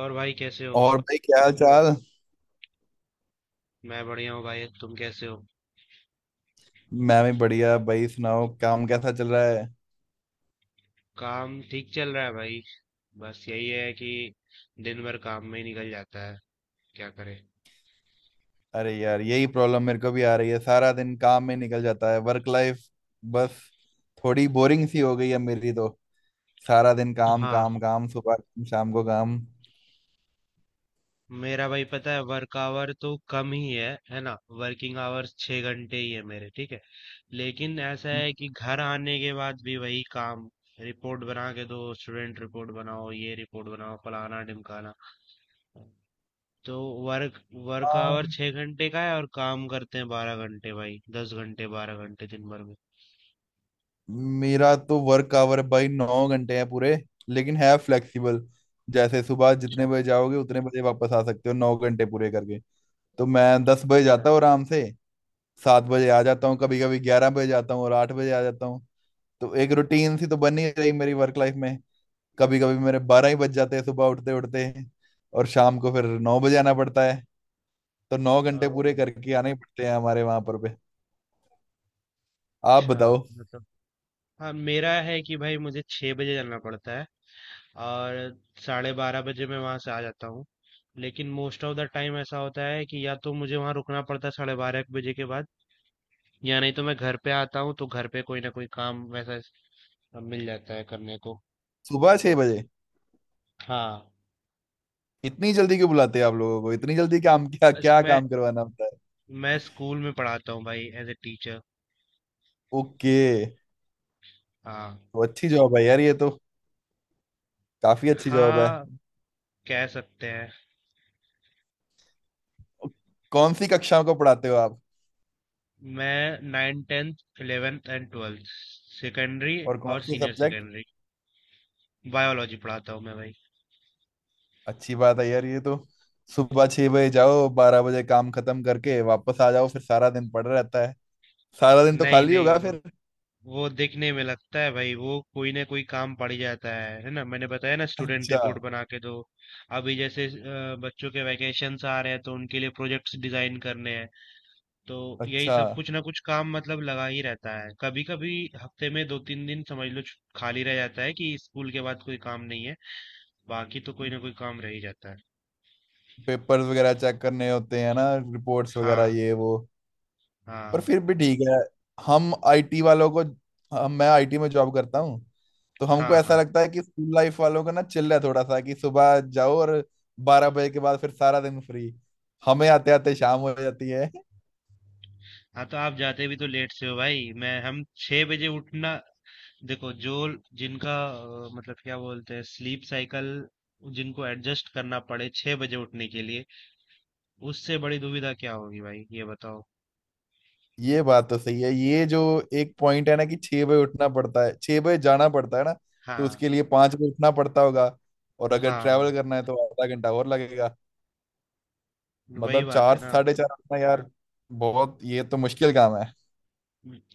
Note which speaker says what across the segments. Speaker 1: और भाई, कैसे हो?
Speaker 2: और भाई, क्या हाल चाल?
Speaker 1: मैं बढ़िया हूँ भाई, तुम कैसे हो?
Speaker 2: मैं भी बढ़िया भाई। सुनाओ, काम कैसा चल रहा है?
Speaker 1: काम ठीक चल रहा है भाई। बस यही है कि दिन भर काम में ही निकल जाता है। क्या करें?
Speaker 2: अरे यार, यही प्रॉब्लम मेरे को भी आ रही है। सारा दिन काम में निकल जाता है। वर्क लाइफ बस थोड़ी बोरिंग सी हो गई है मेरी तो। सारा दिन काम
Speaker 1: हाँ,
Speaker 2: काम काम, सुबह काम, शाम को काम।
Speaker 1: मेरा भाई पता है वर्क आवर तो कम ही है ना? वर्किंग आवर्स 6 घंटे ही है मेरे, ठीक है? लेकिन ऐसा है कि घर आने के बाद भी वही काम। रिपोर्ट बना के दो, स्टूडेंट रिपोर्ट बनाओ, ये रिपोर्ट बनाओ, फलाना ढिमकाना। तो वर्क वर्क
Speaker 2: हाँ,
Speaker 1: आवर 6 घंटे का है और काम करते हैं 12 घंटे भाई, 10 घंटे, 12 घंटे दिन भर में।
Speaker 2: मेरा तो वर्क आवर भाई 9 घंटे हैं पूरे। लेकिन है फ्लेक्सिबल। जैसे सुबह जितने
Speaker 1: अच्छा।
Speaker 2: बजे जाओगे उतने बजे वापस आ सकते हो 9 घंटे पूरे करके। तो मैं 10 बजे
Speaker 1: अच्छा।
Speaker 2: जाता हूँ आराम से। 7 बजे आ जाता हूँ। कभी कभी 11 बजे जाता हूँ और 8 बजे आ जाता हूँ। तो एक रूटीन सी तो बन ही रही मेरी वर्क लाइफ में। कभी कभी मेरे 12 ही बज जाते हैं सुबह उठते उठते। और शाम को फिर 9 बजे आना पड़ता है। तो 9 घंटे
Speaker 1: ओ,
Speaker 2: पूरे करके आने ही पड़ते हैं हमारे वहां पर पे। आप
Speaker 1: अच्छा।
Speaker 2: बताओ।
Speaker 1: मतलब, हाँ मेरा है कि भाई मुझे 6 बजे जाना पड़ता है और 12:30 बजे मैं वहाँ से आ जाता हूँ। लेकिन मोस्ट ऑफ द टाइम ऐसा होता है कि या तो मुझे वहाँ रुकना पड़ता है 12:30-1 बजे के बाद, या नहीं तो मैं घर पे आता हूँ तो घर पे कोई ना कोई काम मिल जाता है करने को।
Speaker 2: सुबह 6 बजे
Speaker 1: हाँ।
Speaker 2: इतनी जल्दी क्यों बुलाते हैं आप लोगों को? इतनी जल्दी काम, क्या
Speaker 1: बस
Speaker 2: क्या
Speaker 1: मैं
Speaker 2: काम करवाना होता है?
Speaker 1: मैं स्कूल में पढ़ाता हूँ भाई, एज ए टीचर।
Speaker 2: ओके।
Speaker 1: हाँ
Speaker 2: तो अच्छी जॉब है यार ये तो। काफी अच्छी जॉब है।
Speaker 1: हाँ। कह सकते हैं।
Speaker 2: कौन सी कक्षाओं को पढ़ाते हो आप?
Speaker 1: मैं nine tenth eleventh and twelfth, secondary
Speaker 2: और कौन
Speaker 1: और
Speaker 2: से
Speaker 1: सीनियर
Speaker 2: सब्जेक्ट?
Speaker 1: सेकेंडरी, बायोलॉजी पढ़ाता हूँ मैं भाई।
Speaker 2: अच्छी बात है यार ये तो। सुबह 6 बजे जाओ, 12 बजे काम खत्म करके वापस आ जाओ, फिर सारा दिन पड़ा रहता है। सारा दिन तो
Speaker 1: नहीं
Speaker 2: खाली
Speaker 1: नहीं,
Speaker 2: होगा
Speaker 1: वो,
Speaker 2: फिर।
Speaker 1: वो दिखने में लगता है भाई, वो कोई ना कोई काम पड़ ही जाता है ना? मैंने बताया ना, स्टूडेंट
Speaker 2: अच्छा।
Speaker 1: रिपोर्ट बना के दो। अभी जैसे बच्चों के वैकेशंस आ रहे हैं तो उनके लिए प्रोजेक्ट्स डिजाइन करने हैं। तो यही
Speaker 2: अच्छा।
Speaker 1: सब कुछ ना कुछ काम मतलब लगा ही रहता है। कभी कभी हफ्ते में दो तीन दिन समझ लो खाली रह जाता है कि स्कूल के बाद कोई काम नहीं है। बाकी तो कोई ना कोई काम रह ही जाता है।
Speaker 2: पेपर्स वगैरह चेक करने होते हैं ना, रिपोर्ट्स वगैरह
Speaker 1: हाँ।
Speaker 2: ये वो। पर
Speaker 1: हाँ।
Speaker 2: फिर भी ठीक है। हम आईटी वालों को। हम मैं आईटी में जॉब करता हूँ। तो हमको
Speaker 1: हाँ।
Speaker 2: ऐसा
Speaker 1: हाँ।
Speaker 2: लगता है कि स्कूल लाइफ वालों का ना चिल है थोड़ा सा, कि सुबह जाओ और 12 बजे के बाद फिर सारा दिन फ्री। हमें आते आते शाम हो जाती है।
Speaker 1: हाँ, तो आप जाते भी तो लेट से हो भाई। मैं हम 6 बजे उठना। देखो, जो जिनका, मतलब क्या बोलते हैं, स्लीप साइकिल, जिनको एडजस्ट करना पड़े 6 बजे उठने के लिए, उससे बड़ी दुविधा क्या होगी भाई, ये बताओ।
Speaker 2: ये बात तो सही है। ये जो एक पॉइंट है ना, कि 6 बजे उठना पड़ता है, 6 बजे जाना पड़ता है ना। तो
Speaker 1: हाँ।
Speaker 2: उसके लिए 5 बजे उठना पड़ता होगा। और अगर
Speaker 1: हाँ। हाँ,
Speaker 2: ट्रैवल करना है तो आधा घंटा और लगेगा।
Speaker 1: वही
Speaker 2: मतलब
Speaker 1: बात है
Speaker 2: चार
Speaker 1: ना।
Speaker 2: साढ़े चार उठना यार। बहुत ये तो मुश्किल काम है।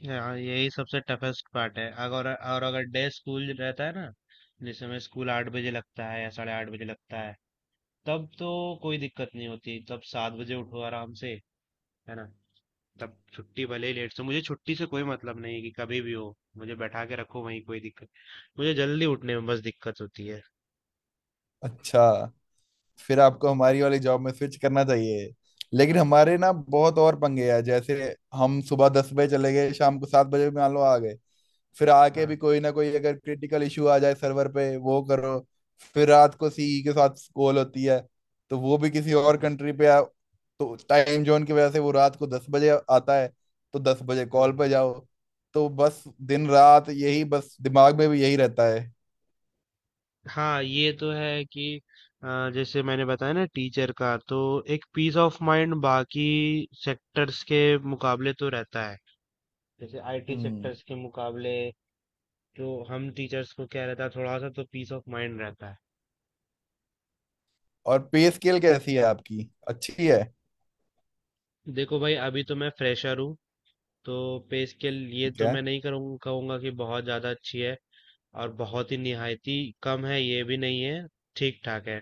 Speaker 1: हाँ, यही सबसे टफेस्ट पार्ट है। अगर, और अगर डे स्कूल रहता है ना, जैसे मैं स्कूल 8 बजे लगता है या 8:30 बजे लगता है, तब तो कोई दिक्कत नहीं होती, तब 7 बजे उठो आराम से, है ना? तब छुट्टी भले ही लेट से, मुझे छुट्टी से कोई मतलब नहीं है कि कभी भी हो, मुझे बैठा के रखो वहीं, कोई दिक्कत। मुझे जल्दी उठने में बस दिक्कत होती है।
Speaker 2: अच्छा। फिर आपको हमारी वाली जॉब में स्विच करना चाहिए। लेकिन हमारे ना बहुत और पंगे हैं। जैसे हम सुबह 10 बजे चले गए, शाम को 7 बजे मान लो आ गए। फिर आके भी
Speaker 1: हाँ।
Speaker 2: कोई ना कोई अगर क्रिटिकल इशू आ जाए सर्वर पे, वो करो। फिर रात को सीई के साथ कॉल होती है। तो वो भी किसी और
Speaker 1: हम्म,
Speaker 2: कंट्री पे आ। तो टाइम जोन की वजह से वो रात को 10 बजे आता है। तो 10 बजे
Speaker 1: हम्म।
Speaker 2: कॉल पे जाओ। तो बस दिन रात यही, बस दिमाग में भी यही रहता है।
Speaker 1: हाँ, ये तो है कि जैसे मैंने बताया ना, टीचर का तो एक पीस ऑफ माइंड बाकी सेक्टर्स के मुकाबले तो रहता है, जैसे आईटी
Speaker 2: हम्म।
Speaker 1: सेक्टर्स के मुकाबले। तो हम टीचर्स को क्या रहता है, थोड़ा सा तो पीस ऑफ माइंड रहता है।
Speaker 2: और पे स्केल कैसी है आपकी? अच्छी है?
Speaker 1: देखो भाई, अभी तो मैं फ्रेशर हूँ, तो पे स्केल ये
Speaker 2: ठीक
Speaker 1: तो
Speaker 2: है।
Speaker 1: मैं नहीं करूँ कहूँगा कि बहुत ज़्यादा अच्छी है। और बहुत ही निहायती कम है ये भी नहीं है। ठीक ठाक है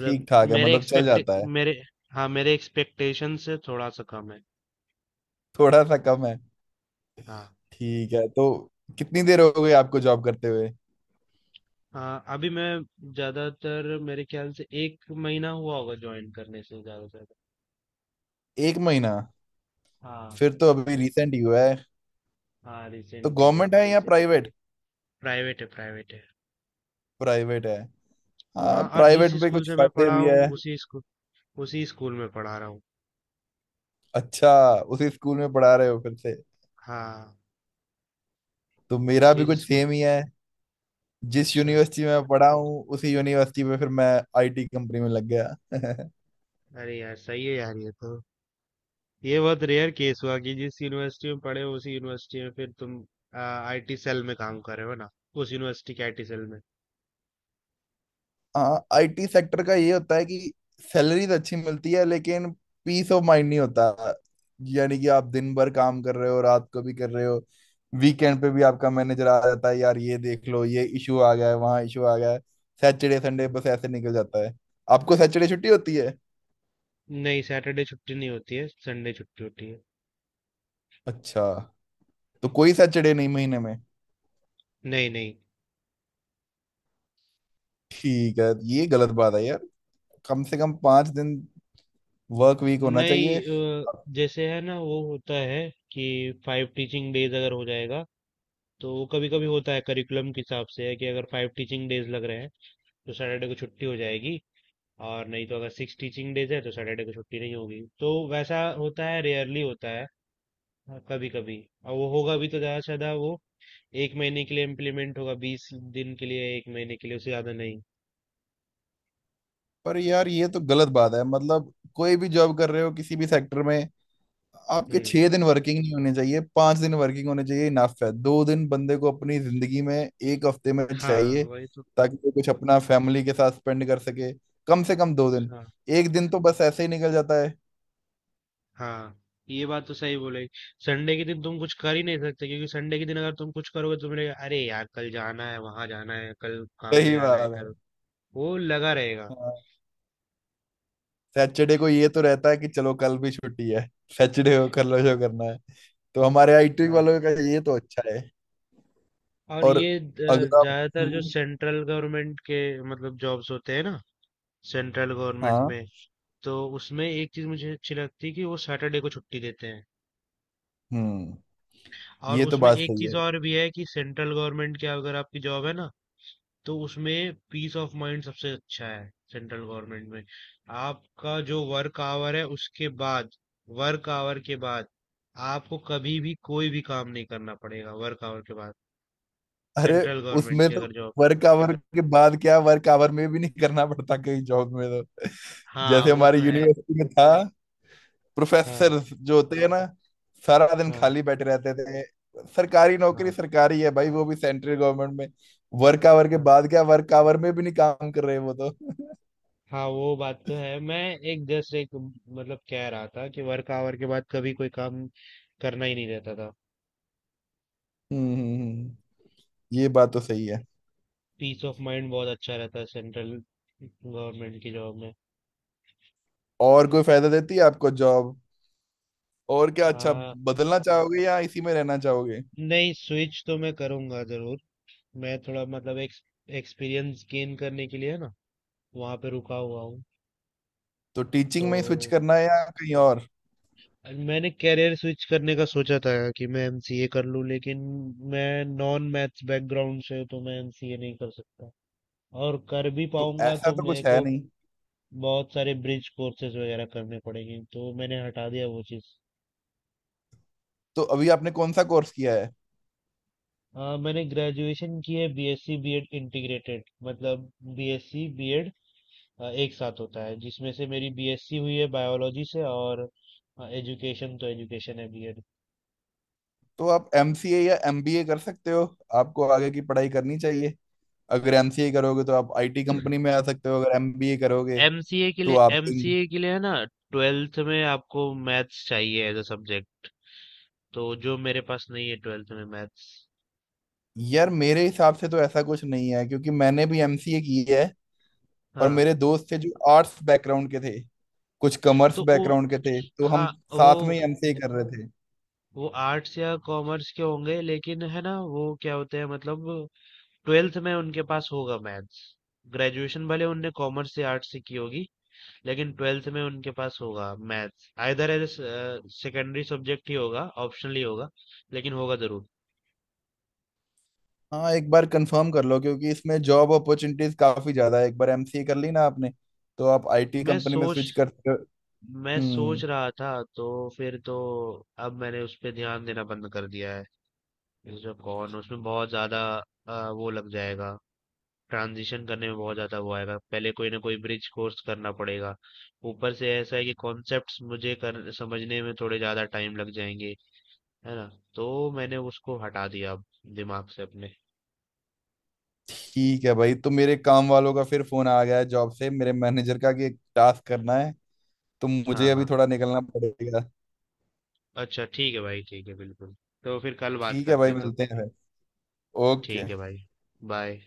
Speaker 2: ठीक ठाक है
Speaker 1: मेरे
Speaker 2: मतलब चल
Speaker 1: एक्सपेक्ट
Speaker 2: जाता है।
Speaker 1: मेरे हाँ, मेरे एक्सपेक्टेशन से थोड़ा सा कम है।
Speaker 2: थोड़ा सा कम है।
Speaker 1: हाँ।
Speaker 2: ठीक है। तो कितनी देर हो गई आपको जॉब करते हुए?
Speaker 1: हाँ, अभी मैं ज़्यादातर मेरे ख्याल से एक महीना हुआ होगा ज्वाइन करने से, ज़्यादा से ज़्यादा।
Speaker 2: एक महीना?
Speaker 1: हाँ
Speaker 2: फिर तो अभी रिसेंट ही हुआ है।
Speaker 1: हाँ।
Speaker 2: तो
Speaker 1: रिसेंटली है।
Speaker 2: गवर्नमेंट है या प्राइवेट?
Speaker 1: प्राइवेट है, प्राइवेट है।
Speaker 2: प्राइवेट है। हाँ,
Speaker 1: हाँ, और जिस
Speaker 2: प्राइवेट में
Speaker 1: स्कूल
Speaker 2: कुछ
Speaker 1: से मैं
Speaker 2: फायदे
Speaker 1: पढ़ा
Speaker 2: भी
Speaker 1: हूँ,
Speaker 2: है।
Speaker 1: उसी स्कूल में पढ़ा रहा हूँ।
Speaker 2: अच्छा। उसी स्कूल में पढ़ा रहे हो फिर से?
Speaker 1: हाँ।
Speaker 2: तो मेरा भी कुछ
Speaker 1: जिस स्कूल
Speaker 2: सेम ही है। जिस
Speaker 1: अच्छा।
Speaker 2: यूनिवर्सिटी में मैं पढ़ा हूँ उसी यूनिवर्सिटी में फिर मैं आईटी कंपनी में लग गया
Speaker 1: अरे यार, सही है यार, ये तो। ये बहुत रेयर केस हुआ कि जिस यूनिवर्सिटी में पढ़े हो उसी यूनिवर्सिटी में फिर तुम आईटी सेल में काम कर रहे हो ना, उस यूनिवर्सिटी के आईटी सेल में।
Speaker 2: हाँ, आईटी सेक्टर का ये होता है कि सैलरी तो अच्छी मिलती है लेकिन पीस ऑफ माइंड नहीं होता। यानी कि आप दिन भर काम कर रहे हो, रात को भी कर रहे हो। वीकेंड पे भी आपका मैनेजर आ जाता है, यार ये देख लो ये इशू आ गया है, वहाँ इशू आ गया है। सैटरडे संडे
Speaker 1: हम्म।
Speaker 2: बस ऐसे निकल जाता है। आपको सैटरडे छुट्टी होती है?
Speaker 1: नहीं, सैटरडे छुट्टी नहीं होती है, संडे छुट्टी होती है।
Speaker 2: अच्छा। तो कोई सैटरडे नहीं महीने में?
Speaker 1: नहीं नहीं।
Speaker 2: ठीक है। ये गलत बात है यार। कम से कम 5 दिन वर्क वीक होना
Speaker 1: नहीं,
Speaker 2: चाहिए।
Speaker 1: जैसे है ना वो होता है कि 5 टीचिंग डेज अगर हो जाएगा तो वो कभी कभी होता है करिकुलम के हिसाब से, है कि अगर 5 टीचिंग डेज लग रहे हैं तो सैटरडे को छुट्टी हो जाएगी। और नहीं तो अगर 6 टीचिंग डेज है तो सैटरडे को छुट्टी नहीं होगी। तो वैसा होता है, रेयरली होता है। हाँ, कभी कभी। और वो होगा भी तो ज्यादा से ज्यादा वो एक महीने के लिए इम्प्लीमेंट होगा, 20 दिन के लिए, एक महीने के लिए, उससे ज्यादा नहीं।
Speaker 2: पर यार ये तो गलत बात है, मतलब कोई भी जॉब कर रहे हो किसी भी सेक्टर में, आपके
Speaker 1: हम्म।
Speaker 2: 6 दिन वर्किंग नहीं होने चाहिए, 5 दिन वर्किंग होने चाहिए, इनफ है। 2 दिन बंदे को अपनी जिंदगी में एक हफ्ते में
Speaker 1: हाँ,
Speaker 2: चाहिए,
Speaker 1: वही तो।
Speaker 2: ताकि वो कुछ अपना फैमिली के साथ स्पेंड कर सके। कम से कम 2 दिन।
Speaker 1: हाँ,
Speaker 2: एक दिन तो बस ऐसे ही निकल जाता है।
Speaker 1: हाँ, ये बात तो सही बोले। संडे के दिन तुम कुछ कर ही नहीं सकते, क्योंकि संडे के दिन अगर तुम कुछ करोगे तो मिलेगा अरे यार, कल जाना है, वहां जाना है, कल काम पे
Speaker 2: सही
Speaker 1: जाना है
Speaker 2: बात है।
Speaker 1: कल। वो लगा रहेगा।
Speaker 2: हाँ। सैटरडे को ये तो रहता है कि चलो कल भी छुट्टी है। सैटरडे को कल शो
Speaker 1: हाँ।
Speaker 2: करना है। तो हमारे आईटी
Speaker 1: हाँ,
Speaker 2: वालों का ये तो अच्छा है।
Speaker 1: और
Speaker 2: और
Speaker 1: ये
Speaker 2: अगर आप।
Speaker 1: ज्यादातर जो
Speaker 2: हम्म।
Speaker 1: सेंट्रल गवर्नमेंट के मतलब जॉब्स होते हैं ना, सेंट्रल गवर्नमेंट
Speaker 2: हाँ।
Speaker 1: में, तो उसमें एक चीज़ मुझे अच्छी लगती है कि वो सैटरडे को छुट्टी देते हैं।
Speaker 2: हम्म।
Speaker 1: और
Speaker 2: ये तो
Speaker 1: उसमें
Speaker 2: बात
Speaker 1: एक
Speaker 2: सही
Speaker 1: चीज़
Speaker 2: है।
Speaker 1: और भी है कि सेंट्रल गवर्नमेंट की अगर आपकी जॉब है ना, तो उसमें पीस ऑफ माइंड सबसे अच्छा है सेंट्रल गवर्नमेंट में। आपका जो वर्क आवर है, उसके बाद, वर्क आवर के बाद आपको कभी भी कोई भी काम नहीं करना पड़ेगा वर्क आवर के बाद,
Speaker 2: अरे,
Speaker 1: सेंट्रल गवर्नमेंट
Speaker 2: उसमें
Speaker 1: की
Speaker 2: तो
Speaker 1: अगर जॉब है।
Speaker 2: वर्क आवर के बाद क्या, वर्क आवर में भी नहीं करना पड़ता कहीं जॉब में तो
Speaker 1: हाँ,
Speaker 2: जैसे
Speaker 1: वो
Speaker 2: हमारी
Speaker 1: तो है।
Speaker 2: यूनिवर्सिटी में था।
Speaker 1: हाँ।
Speaker 2: प्रोफेसर जो होते हैं ना, सारा दिन
Speaker 1: हाँ।
Speaker 2: खाली बैठे रहते थे। सरकारी नौकरी
Speaker 1: हाँ।
Speaker 2: सरकारी है भाई, वो भी सेंट्रल गवर्नमेंट में। वर्क आवर के
Speaker 1: हाँ।
Speaker 2: बाद क्या, वर्क आवर में भी नहीं काम कर रहे वो तो। हम्म।
Speaker 1: हाँ, वो बात तो है। मैं एक जस्ट एक मतलब कह रहा था कि वर्क आवर के बाद कभी कोई काम करना ही नहीं रहता था।
Speaker 2: हम्म, हम्म। ये बात तो सही है।
Speaker 1: पीस ऑफ माइंड बहुत अच्छा रहता है सेंट्रल गवर्नमेंट की जॉब में।
Speaker 2: और कोई फायदा देती है आपको जॉब? और क्या अच्छा,
Speaker 1: आ,
Speaker 2: बदलना चाहोगे या इसी में रहना चाहोगे?
Speaker 1: नहीं, स्विच तो मैं करूंगा जरूर। मैं थोड़ा मतलब एक एक्सपीरियंस गेन करने के लिए ना, वहाँ पे रुका हुआ हूँ।
Speaker 2: तो
Speaker 1: तो
Speaker 2: टीचिंग में ही स्विच करना है या कहीं और?
Speaker 1: मैंने कैरियर स्विच करने का सोचा था कि मैं एमसीए कर लूँ, लेकिन मैं नॉन मैथ्स बैकग्राउंड से हूं, तो मैं एमसीए नहीं कर सकता। और कर भी
Speaker 2: तो
Speaker 1: पाऊंगा
Speaker 2: ऐसा
Speaker 1: तो
Speaker 2: तो
Speaker 1: मेरे
Speaker 2: कुछ है
Speaker 1: को
Speaker 2: नहीं।
Speaker 1: बहुत सारे ब्रिज कोर्सेज वगैरह करने पड़ेंगे, तो मैंने हटा दिया वो चीज़।
Speaker 2: तो अभी आपने कौन सा कोर्स किया है?
Speaker 1: हाँ, मैंने ग्रेजुएशन की है बीएससी बीएड इंटीग्रेटेड, मतलब बीएससी बीएड एक साथ होता है, जिसमें से मेरी बीएससी हुई है बायोलॉजी से, और एजुकेशन तो एजुकेशन है बीएड।
Speaker 2: तो आप एमसीए या एमबीए कर सकते हो। आपको आगे की पढ़ाई करनी चाहिए। अगर एमसीए करोगे तो आप आईटी कंपनी में आ सकते हो, अगर एमबीए करोगे
Speaker 1: एमसीए के
Speaker 2: तो
Speaker 1: लिए
Speaker 2: आप
Speaker 1: एमसीए के लिए है ना, ट्वेल्थ में आपको मैथ्स चाहिए एज अ सब्जेक्ट, तो जो मेरे पास नहीं है ट्वेल्थ में मैथ्स।
Speaker 2: यार मेरे हिसाब से तो ऐसा कुछ नहीं है, क्योंकि मैंने भी एमसीए की है। और
Speaker 1: हाँ,
Speaker 2: मेरे दोस्त थे जो आर्ट्स बैकग्राउंड के थे, कुछ कॉमर्स
Speaker 1: तो वो,
Speaker 2: बैकग्राउंड के थे। तो
Speaker 1: हाँ,
Speaker 2: हम साथ में
Speaker 1: वो
Speaker 2: ही एमसीए कर रहे थे।
Speaker 1: वो आर्ट्स या कॉमर्स के होंगे, लेकिन है ना वो क्या होते हैं मतलब, ट्वेल्थ में उनके पास होगा मैथ्स। ग्रेजुएशन भले उनने कॉमर्स से आर्ट्स से की होगी, लेकिन ट्वेल्थ में उनके पास होगा maths, either as secondary subject ही होगा, ऑप्शनल ही होगा, लेकिन होगा जरूर।
Speaker 2: हाँ, एक बार कंफर्म कर लो क्योंकि इसमें जॉब अपॉर्चुनिटीज काफी ज्यादा है। एक बार एमसीए कर ली ना आपने, तो आप आईटी
Speaker 1: मैं
Speaker 2: कंपनी में
Speaker 1: सोच
Speaker 2: स्विच कर कर-
Speaker 1: मैं सोच
Speaker 2: हम्म।
Speaker 1: रहा था तो, फिर तो अब मैंने उस पे ध्यान देना बंद कर दिया है। ये जो कौन उसमें बहुत ज्यादा वो लग जाएगा, ट्रांजिशन करने में बहुत ज़्यादा वो आएगा, पहले कोई ना कोई ब्रिज कोर्स करना पड़ेगा। ऊपर से ऐसा है कि कॉन्सेप्ट्स मुझे कर समझने में थोड़े ज़्यादा टाइम लग जाएँगे, है ना? तो मैंने उसको हटा दिया अब दिमाग से अपने।
Speaker 2: ठीक है भाई, तो मेरे काम वालों का फिर फोन आ गया है जॉब से, मेरे मैनेजर का, कि एक टास्क करना है। तो मुझे
Speaker 1: हाँ,
Speaker 2: अभी
Speaker 1: हाँ।
Speaker 2: थोड़ा निकलना पड़ेगा।
Speaker 1: अच्छा ठीक है भाई, ठीक है बिल्कुल। तो फिर कल बात
Speaker 2: ठीक है
Speaker 1: करते
Speaker 2: भाई,
Speaker 1: हैं तब।
Speaker 2: मिलते हैं फिर।
Speaker 1: ठीक
Speaker 2: ओके।
Speaker 1: है भाई, बाय।